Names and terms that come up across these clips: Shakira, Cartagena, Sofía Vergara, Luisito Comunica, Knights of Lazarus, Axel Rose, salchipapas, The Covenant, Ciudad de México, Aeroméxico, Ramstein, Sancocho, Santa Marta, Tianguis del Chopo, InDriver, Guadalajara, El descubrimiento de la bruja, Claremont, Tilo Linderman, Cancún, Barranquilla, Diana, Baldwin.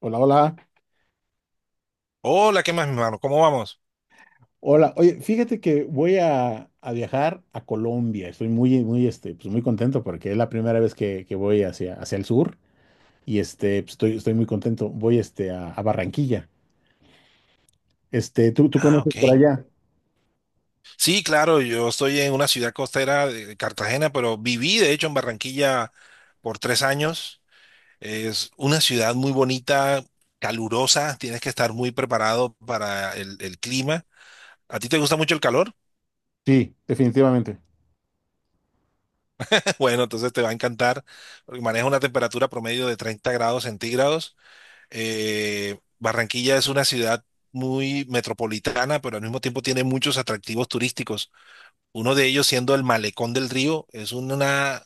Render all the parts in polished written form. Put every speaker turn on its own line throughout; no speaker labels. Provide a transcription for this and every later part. Hola, hola.
Hola, ¿qué más, mi hermano? ¿Cómo vamos?
Hola. Oye, fíjate que voy a viajar a Colombia. Estoy muy, muy, este, pues muy contento porque es la primera vez que voy hacia el sur y estoy muy contento. Voy, a Barranquilla. ¿Tú
Ah,
conoces
ok.
por allá?
Sí, claro, yo estoy en una ciudad costera de Cartagena, pero viví, de hecho, en Barranquilla por 3 años. Es una ciudad muy bonita, calurosa, tienes que estar muy preparado para el clima. ¿A ti te gusta mucho el calor?
Sí, definitivamente.
Bueno, entonces te va a encantar, porque maneja una temperatura promedio de 30 °C. Barranquilla es una ciudad muy metropolitana, pero al mismo tiempo tiene muchos atractivos turísticos. Uno de ellos siendo el Malecón del Río,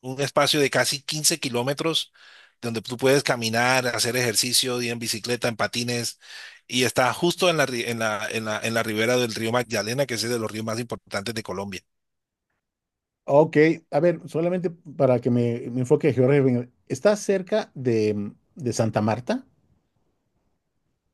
un espacio de casi 15 km donde tú puedes caminar, hacer ejercicio, ir en bicicleta, en patines, y está justo en la, en la ribera del río Magdalena, que es uno de los ríos más importantes de Colombia.
Ok, a ver, solamente para que me enfoque geográficamente. ¿Estás cerca de Santa Marta?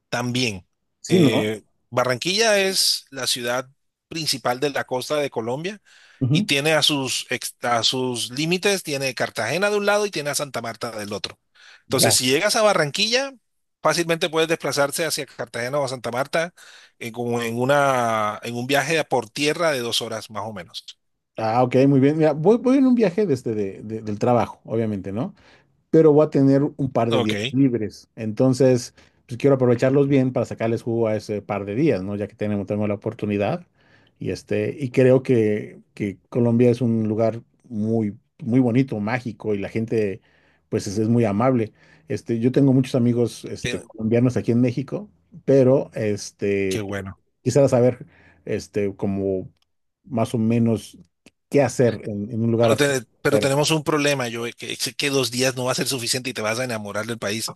También,
Sí, ¿no?
eh, Barranquilla es la ciudad principal de la costa de Colombia y
Ujú.
tiene a sus límites, tiene Cartagena de un lado y tiene a Santa Marta del otro. Entonces,
Ya.
si llegas a Barranquilla, fácilmente puedes desplazarse hacia Cartagena o a Santa Marta en, como en, una, en un viaje por tierra de 2 horas más o menos.
Ah, ok, muy bien. Mira, voy en un viaje desde del trabajo, obviamente, ¿no? Pero voy a tener un par de
Ok,
días libres. Entonces, pues quiero aprovecharlos bien para sacarles jugo a ese par de días, ¿no? Ya que tenemos la oportunidad. Y creo que Colombia es un lugar muy, muy bonito, mágico, y la gente, pues, es muy amable. Yo tengo muchos amigos,
qué,
colombianos aquí en México, pero,
qué bueno.
quisiera saber, como más o menos qué hacer en un lugar
Pero
extranjero.
tenemos un problema, yo que 2 días no va a ser suficiente y te vas a enamorar del país.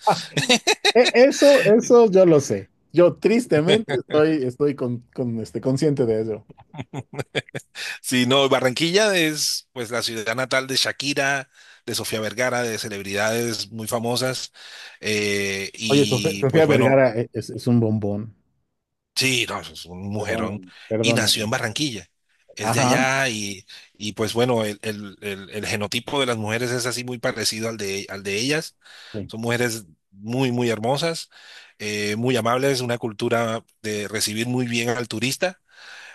Eso, eso yo lo sé. Yo tristemente estoy consciente de eso.
Sí, no, Barranquilla es pues la ciudad natal de Shakira, de Sofía Vergara, de celebridades muy famosas.
Oye,
Y
Sofía
pues bueno,
Vergara es un bombón.
sí, no, es un mujerón.
Perdóname,
Y nació
perdóname.
en Barranquilla. Es de
Ajá.
allá y, pues bueno, el genotipo de las mujeres es así muy parecido al de ellas.
Sí.
Son mujeres muy, muy hermosas, muy amables, una cultura de recibir muy bien al turista.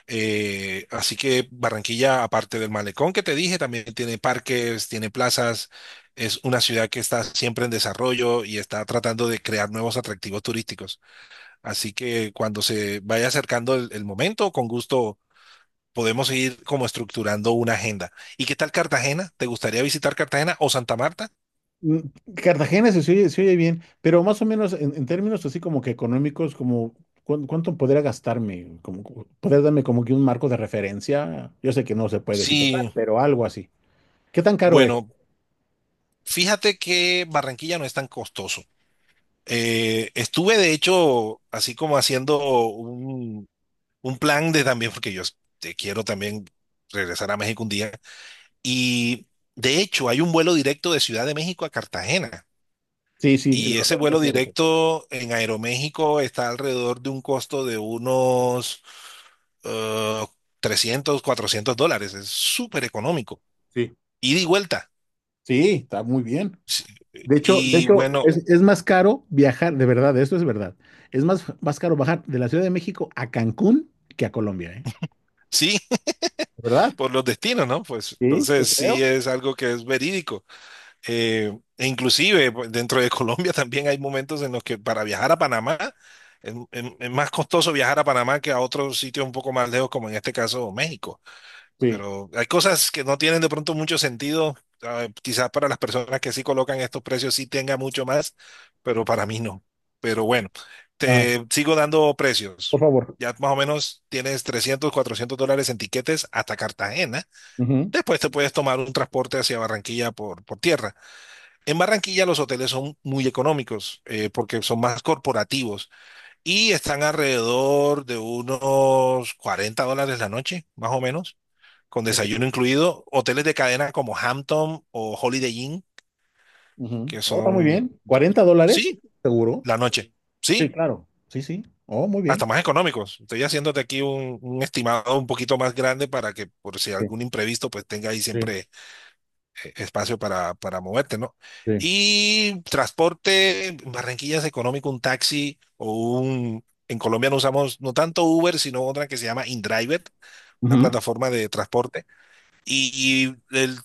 Así que Barranquilla, aparte del malecón que te dije, también tiene parques, tiene plazas. Es una ciudad que está siempre en desarrollo y está tratando de crear nuevos atractivos turísticos. Así que cuando se vaya acercando el momento, con gusto podemos ir como estructurando una agenda. ¿Y qué tal Cartagena? ¿Te gustaría visitar Cartagena o Santa Marta?
Mm, Cartagena se oye bien, pero más o menos en términos así como que económicos, como cuánto podría gastarme, como podrías darme como que un marco de referencia? Yo sé que no se puede decir total,
Sí,
pero algo así. ¿Qué tan caro es?
bueno, fíjate que Barranquilla no es tan costoso. Estuve de hecho así como haciendo un, un plan de también, porque yo te quiero también regresar a México un día. Y de hecho, hay un vuelo directo de Ciudad de México a Cartagena.
Sí, sí,
Y
lo sé,
ese
lo
vuelo
sé, lo sé.
directo en Aeroméxico está alrededor de un costo de unos eh, 300, $400. Es súper económico.
Sí.
Ida y vuelta.
Sí, está muy bien.
Sí.
De
Y
hecho,
bueno,
es más caro viajar, de verdad, esto es verdad. Es más, más caro bajar de la Ciudad de México a Cancún que a Colombia, ¿eh?
sí,
¿Verdad?
por los destinos, ¿no? Pues
Sí, yo
entonces sí
creo.
es algo que es verídico. E inclusive pues, dentro de Colombia también hay momentos en los que para viajar a Panamá es más costoso viajar a Panamá que a otros sitios un poco más lejos, como en este caso México.
Sí.
Pero hay cosas que no tienen de pronto mucho sentido. Quizás para las personas que sí colocan estos precios sí tenga mucho más, pero para mí no. Pero bueno,
Ah,
te sigo dando
por
precios.
favor.
Ya más o menos tienes $300, $400 en tiquetes hasta Cartagena.
Ujú.
Después te puedes tomar un transporte hacia Barranquilla por tierra. En Barranquilla los hoteles son muy económicos, porque son más corporativos y están alrededor de unos $40 la noche, más o menos, con desayuno
Ok.
incluido. Hoteles de cadena como Hampton o Holiday Inn,
Ujú.
que
Oh, está muy
son,
bien. ¿Cuarenta dólares?
sí,
¿Seguro?
la noche,
Sí,
sí,
claro. Sí, sí. Oh, muy
hasta
bien.
más económicos. Estoy haciéndote aquí un estimado un poquito más grande para que por si
Sí,
algún imprevisto pues tenga ahí
sí,
siempre espacio para moverte, ¿no?
sí.
Y transporte, en Barranquilla es económico, un taxi o un... En Colombia no usamos no tanto Uber, sino otra que se llama InDriver, una
Ujú.
plataforma de transporte. Y el,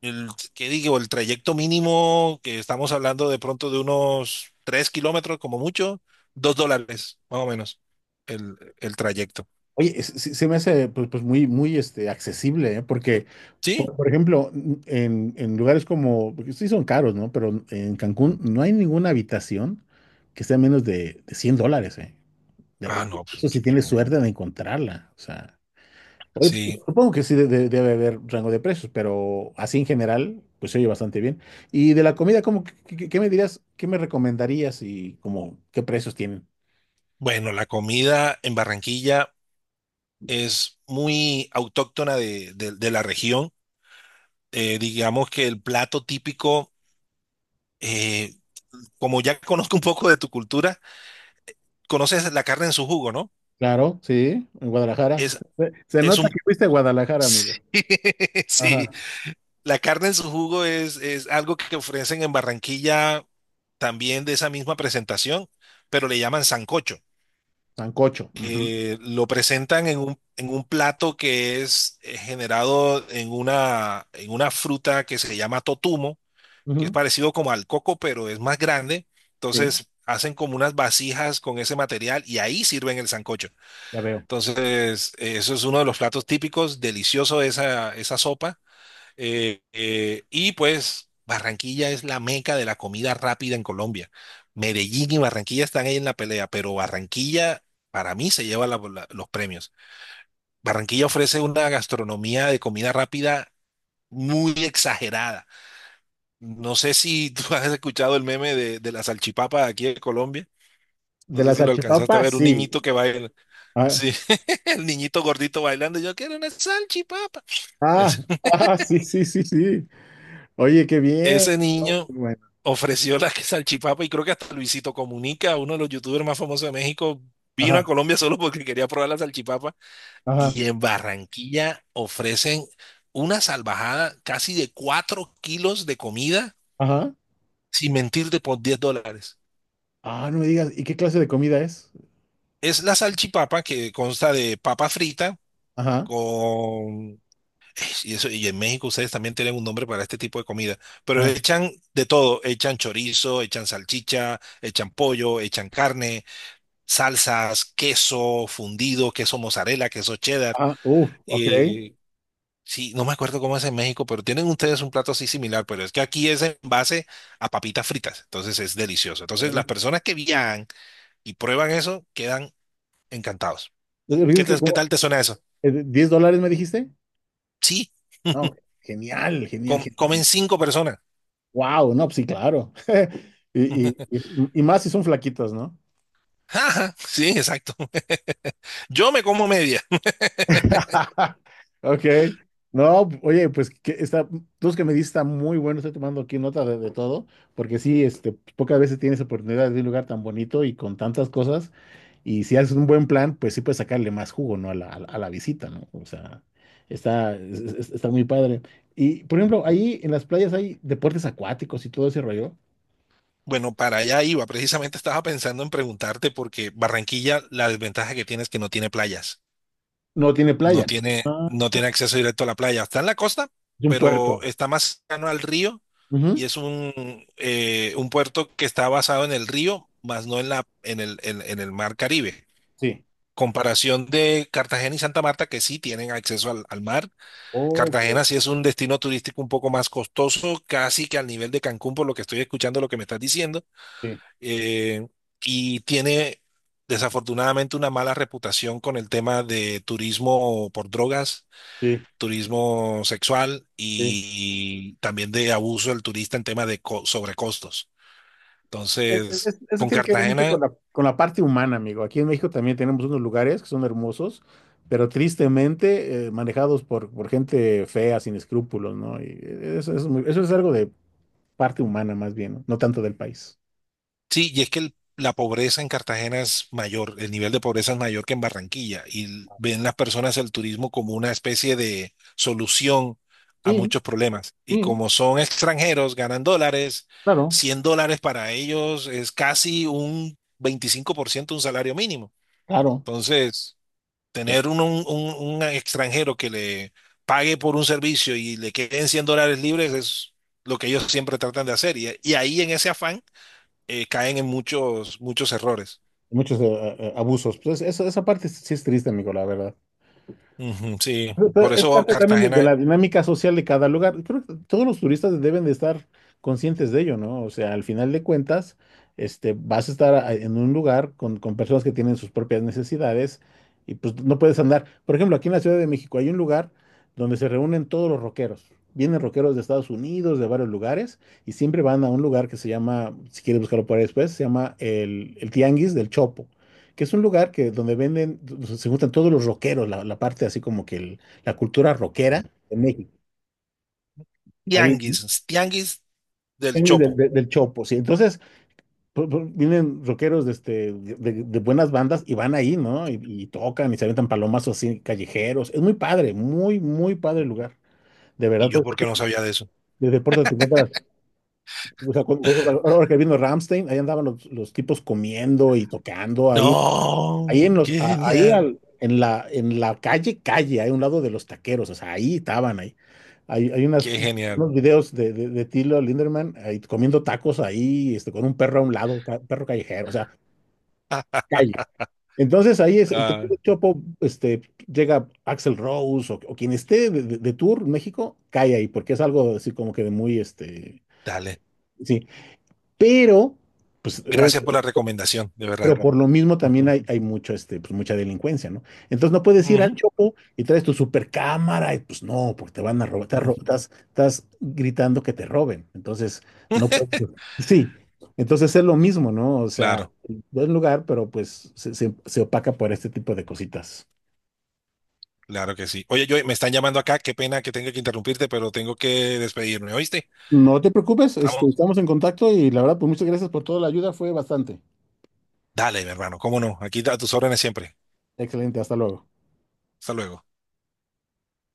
el, ¿qué digo? El trayecto mínimo que estamos hablando de pronto de unos 3 km como mucho, $2, más o menos, el trayecto.
Oye, se me hace pues, pues, muy, muy accesible, ¿eh? Porque
¿Sí?
Por ejemplo, en lugares como, porque sí son caros, ¿no? Pero en Cancún no hay ninguna habitación que sea menos de $100, ¿eh?
Ah, no, pues,
Eso
qué
si tienes
bueno.
suerte de encontrarla, o sea. Oye, pues,
Sí.
supongo que sí debe haber rango de precios, pero así en general, pues se oye bastante bien. Y de la comida, ¿cómo, qué me dirías, qué me recomendarías, y como qué precios tienen?
Bueno, la comida en Barranquilla es muy autóctona de la región. Digamos que el plato típico, eh, como ya conozco un poco de tu cultura, conoces la carne en su jugo, ¿no?
Claro, sí, en Guadalajara.
Es,
Se
es
nota
un...
que fuiste a Guadalajara, amigo.
Sí, sí.
Ajá.
La carne en su jugo es algo que ofrecen en Barranquilla también de esa misma presentación, pero le llaman sancocho.
Sancocho. Ujú,
Lo presentan en un plato que es generado en una fruta que se llama totumo que es
ujú.
parecido como al coco, pero es más grande.
Sí,
Entonces hacen como unas vasijas con ese material y ahí sirven el sancocho.
ya veo.
Entonces, eso es uno de los platos típicos, delicioso esa sopa. Y pues Barranquilla es la meca de la comida rápida en Colombia. Medellín y Barranquilla están ahí en la pelea, pero Barranquilla para mí se lleva los premios. Barranquilla ofrece una gastronomía de comida rápida muy exagerada. No sé si tú has escuchado el meme de la salchipapa de aquí de Colombia. No
De
sé
las
si lo alcanzaste a
salchipapas,
ver, un
sí.
niñito que baila.
Ah,
Sí, el niñito gordito bailando. Yo quiero una salchipapa.
ah,
Es-
ah, sí, sí, sí, sí. Oye, qué bien.
Ese
Oh, qué
niño
bueno.
ofreció la que salchipapa y creo que hasta Luisito Comunica, uno de los youtubers más famosos de México, vino a
Ajá,
Colombia solo porque quería probar la salchipapa.
ajá,
Y en Barranquilla ofrecen una salvajada casi de 4 kg de comida,
ajá.
sin mentirte, por $10.
Ah, no me digas, ¿y qué clase de comida es?
Es la salchipapa que consta de papa frita
Ajá,
con... Y, eso, y en México ustedes también tienen un nombre para este tipo de comida, pero
ajá.
echan de todo, echan chorizo, echan salchicha, echan pollo, echan carne, salsas, queso fundido, queso mozzarella, queso cheddar.
Ah, ok.
eh, sí, no me acuerdo cómo es en México, pero tienen ustedes un plato así similar, pero es que aquí es en base a papitas fritas, entonces es delicioso. Entonces las
Ok.
personas que viajan y prueban eso quedan encantados.
Entonces,
¿Qué
¿dices que
te- qué
como,
tal te suena eso?
$10 me dijiste?
Sí,
No, genial, genial,
comen
genial.
cinco personas.
Wow, no, pues sí, claro. Y, y más si son flaquitos, ¿no?
Ajá, sí, exacto. Yo me como media.
Ok. No, oye, pues que está, tú que me diste está muy bueno, estoy tomando aquí nota de todo, porque sí, pocas veces tienes oportunidad de ir a un lugar tan bonito y con tantas cosas, y si haces un buen plan, pues sí puedes sacarle más jugo, ¿no? A la, a la visita, ¿no? O sea, está, está muy padre. Y, por ejemplo, ahí en las playas hay deportes acuáticos y todo ese rollo.
Bueno, para allá iba. Precisamente estaba pensando en preguntarte porque Barranquilla, la desventaja que tiene es que no tiene playas.
No tiene
No
playa,
tiene,
ah,
no tiene acceso directo a la playa. Está en la costa,
es un
pero
puerto.
está más cercano al río y
Ujú,
es un puerto que está basado en el río, más no en la, en el mar Caribe.
sí,
Comparación de Cartagena y Santa Marta, que sí tienen acceso al mar.
ok.
Cartagena sí es un destino turístico un poco más costoso, casi que al nivel de Cancún, por lo que estoy escuchando, lo que me estás diciendo,
Sí,
eh, y tiene desafortunadamente una mala reputación con el tema de turismo por drogas,
sí,
turismo sexual
sí.
y también de abuso del turista en tema de sobrecostos. Entonces,
Eso
con
tiene que ver mucho
Cartagena.
con la parte humana, amigo. Aquí en México también tenemos unos lugares que son hermosos, pero tristemente manejados por gente fea, sin escrúpulos, ¿no? Y eso, eso es algo de parte humana más bien, no. No tanto del país.
Sí, y es que la pobreza en Cartagena es mayor, el nivel de pobreza es mayor que en Barranquilla, y ven las personas el turismo como una especie de solución a
Sí,
muchos problemas. Y
sí,
como son extranjeros, ganan dólares,
claro,
$100 para ellos es casi un 25% un salario mínimo.
claro.
Entonces,
Claro.
tener un extranjero que le pague por un servicio y le queden $100 libres es lo que ellos siempre tratan de hacer. Y ahí en ese afán caen en muchos, muchos errores.
Muchos abusos. Pues esa parte sí es triste, amigo, la verdad.
Ujú, sí,
Pero
por
es
eso
parte también de
Cartagena,
la dinámica social de cada lugar. Creo que todos los turistas deben de estar conscientes de ello, ¿no? O sea, al final de cuentas, vas a estar en un lugar con personas que tienen sus propias necesidades y pues no puedes andar. Por ejemplo, aquí en la Ciudad de México hay un lugar donde se reúnen todos los rockeros. Vienen rockeros de Estados Unidos, de varios lugares, y siempre van a un lugar que se llama, si quieres buscarlo por ahí después, se llama el Tianguis del Chopo, que es un lugar que donde venden, se juntan todos los rockeros, la parte así como que el la cultura rockera de México. Ahí,
tianguis, tianguis del Chopo.
del Chopo, sí. Entonces, pues, pues, vienen rockeros de buenas bandas y van ahí, ¿no? Y, y tocan y se aventan palomazos así, callejeros. Es muy padre, muy, muy padre el lugar. De
Y
verdad,
yo
pues,
porque no sabía de eso.
desde Puerto te encuentras. O sea, ahora que vino Ramstein, ahí andaban los tipos comiendo y tocando ahí. Ahí
No,
en los,
qué genial,
en la calle, calle, hay un lado de los taqueros, o sea, ahí estaban ahí. Hay unas,
qué genial.
unos videos de Tilo Linderman ahí comiendo tacos ahí, con un perro a un lado, perro callejero, o sea. Entonces ahí es el que
Ah,
tiene Chopo, llega Axel Rose o quien esté de tour en México, cae ahí, porque es algo así como que de muy,
dale,
sí. Pero, pues,
gracias
obviamente
por la recomendación, de
pero
verdad.
por lo mismo también hay mucho, mucha delincuencia, ¿no? Entonces no puedes ir al
Ujú,
Chopo y traes tu supercámara y pues no, porque te van a robar,
ujú.
estás gritando que te roben. Entonces no puedes. Pues, sí, entonces es lo mismo, ¿no? O sea,
Claro,
buen lugar, pero pues se opaca por este tipo de cositas.
claro que sí. Oye, yo me están llamando acá, qué pena que tenga que interrumpirte, pero tengo que despedirme, ¿oíste?
No te preocupes,
Estamos.
estamos en contacto y la verdad, pues muchas gracias por toda la ayuda, fue bastante.
Dale, mi hermano, cómo no, aquí a tus órdenes siempre.
Excelente, hasta luego.
Hasta luego.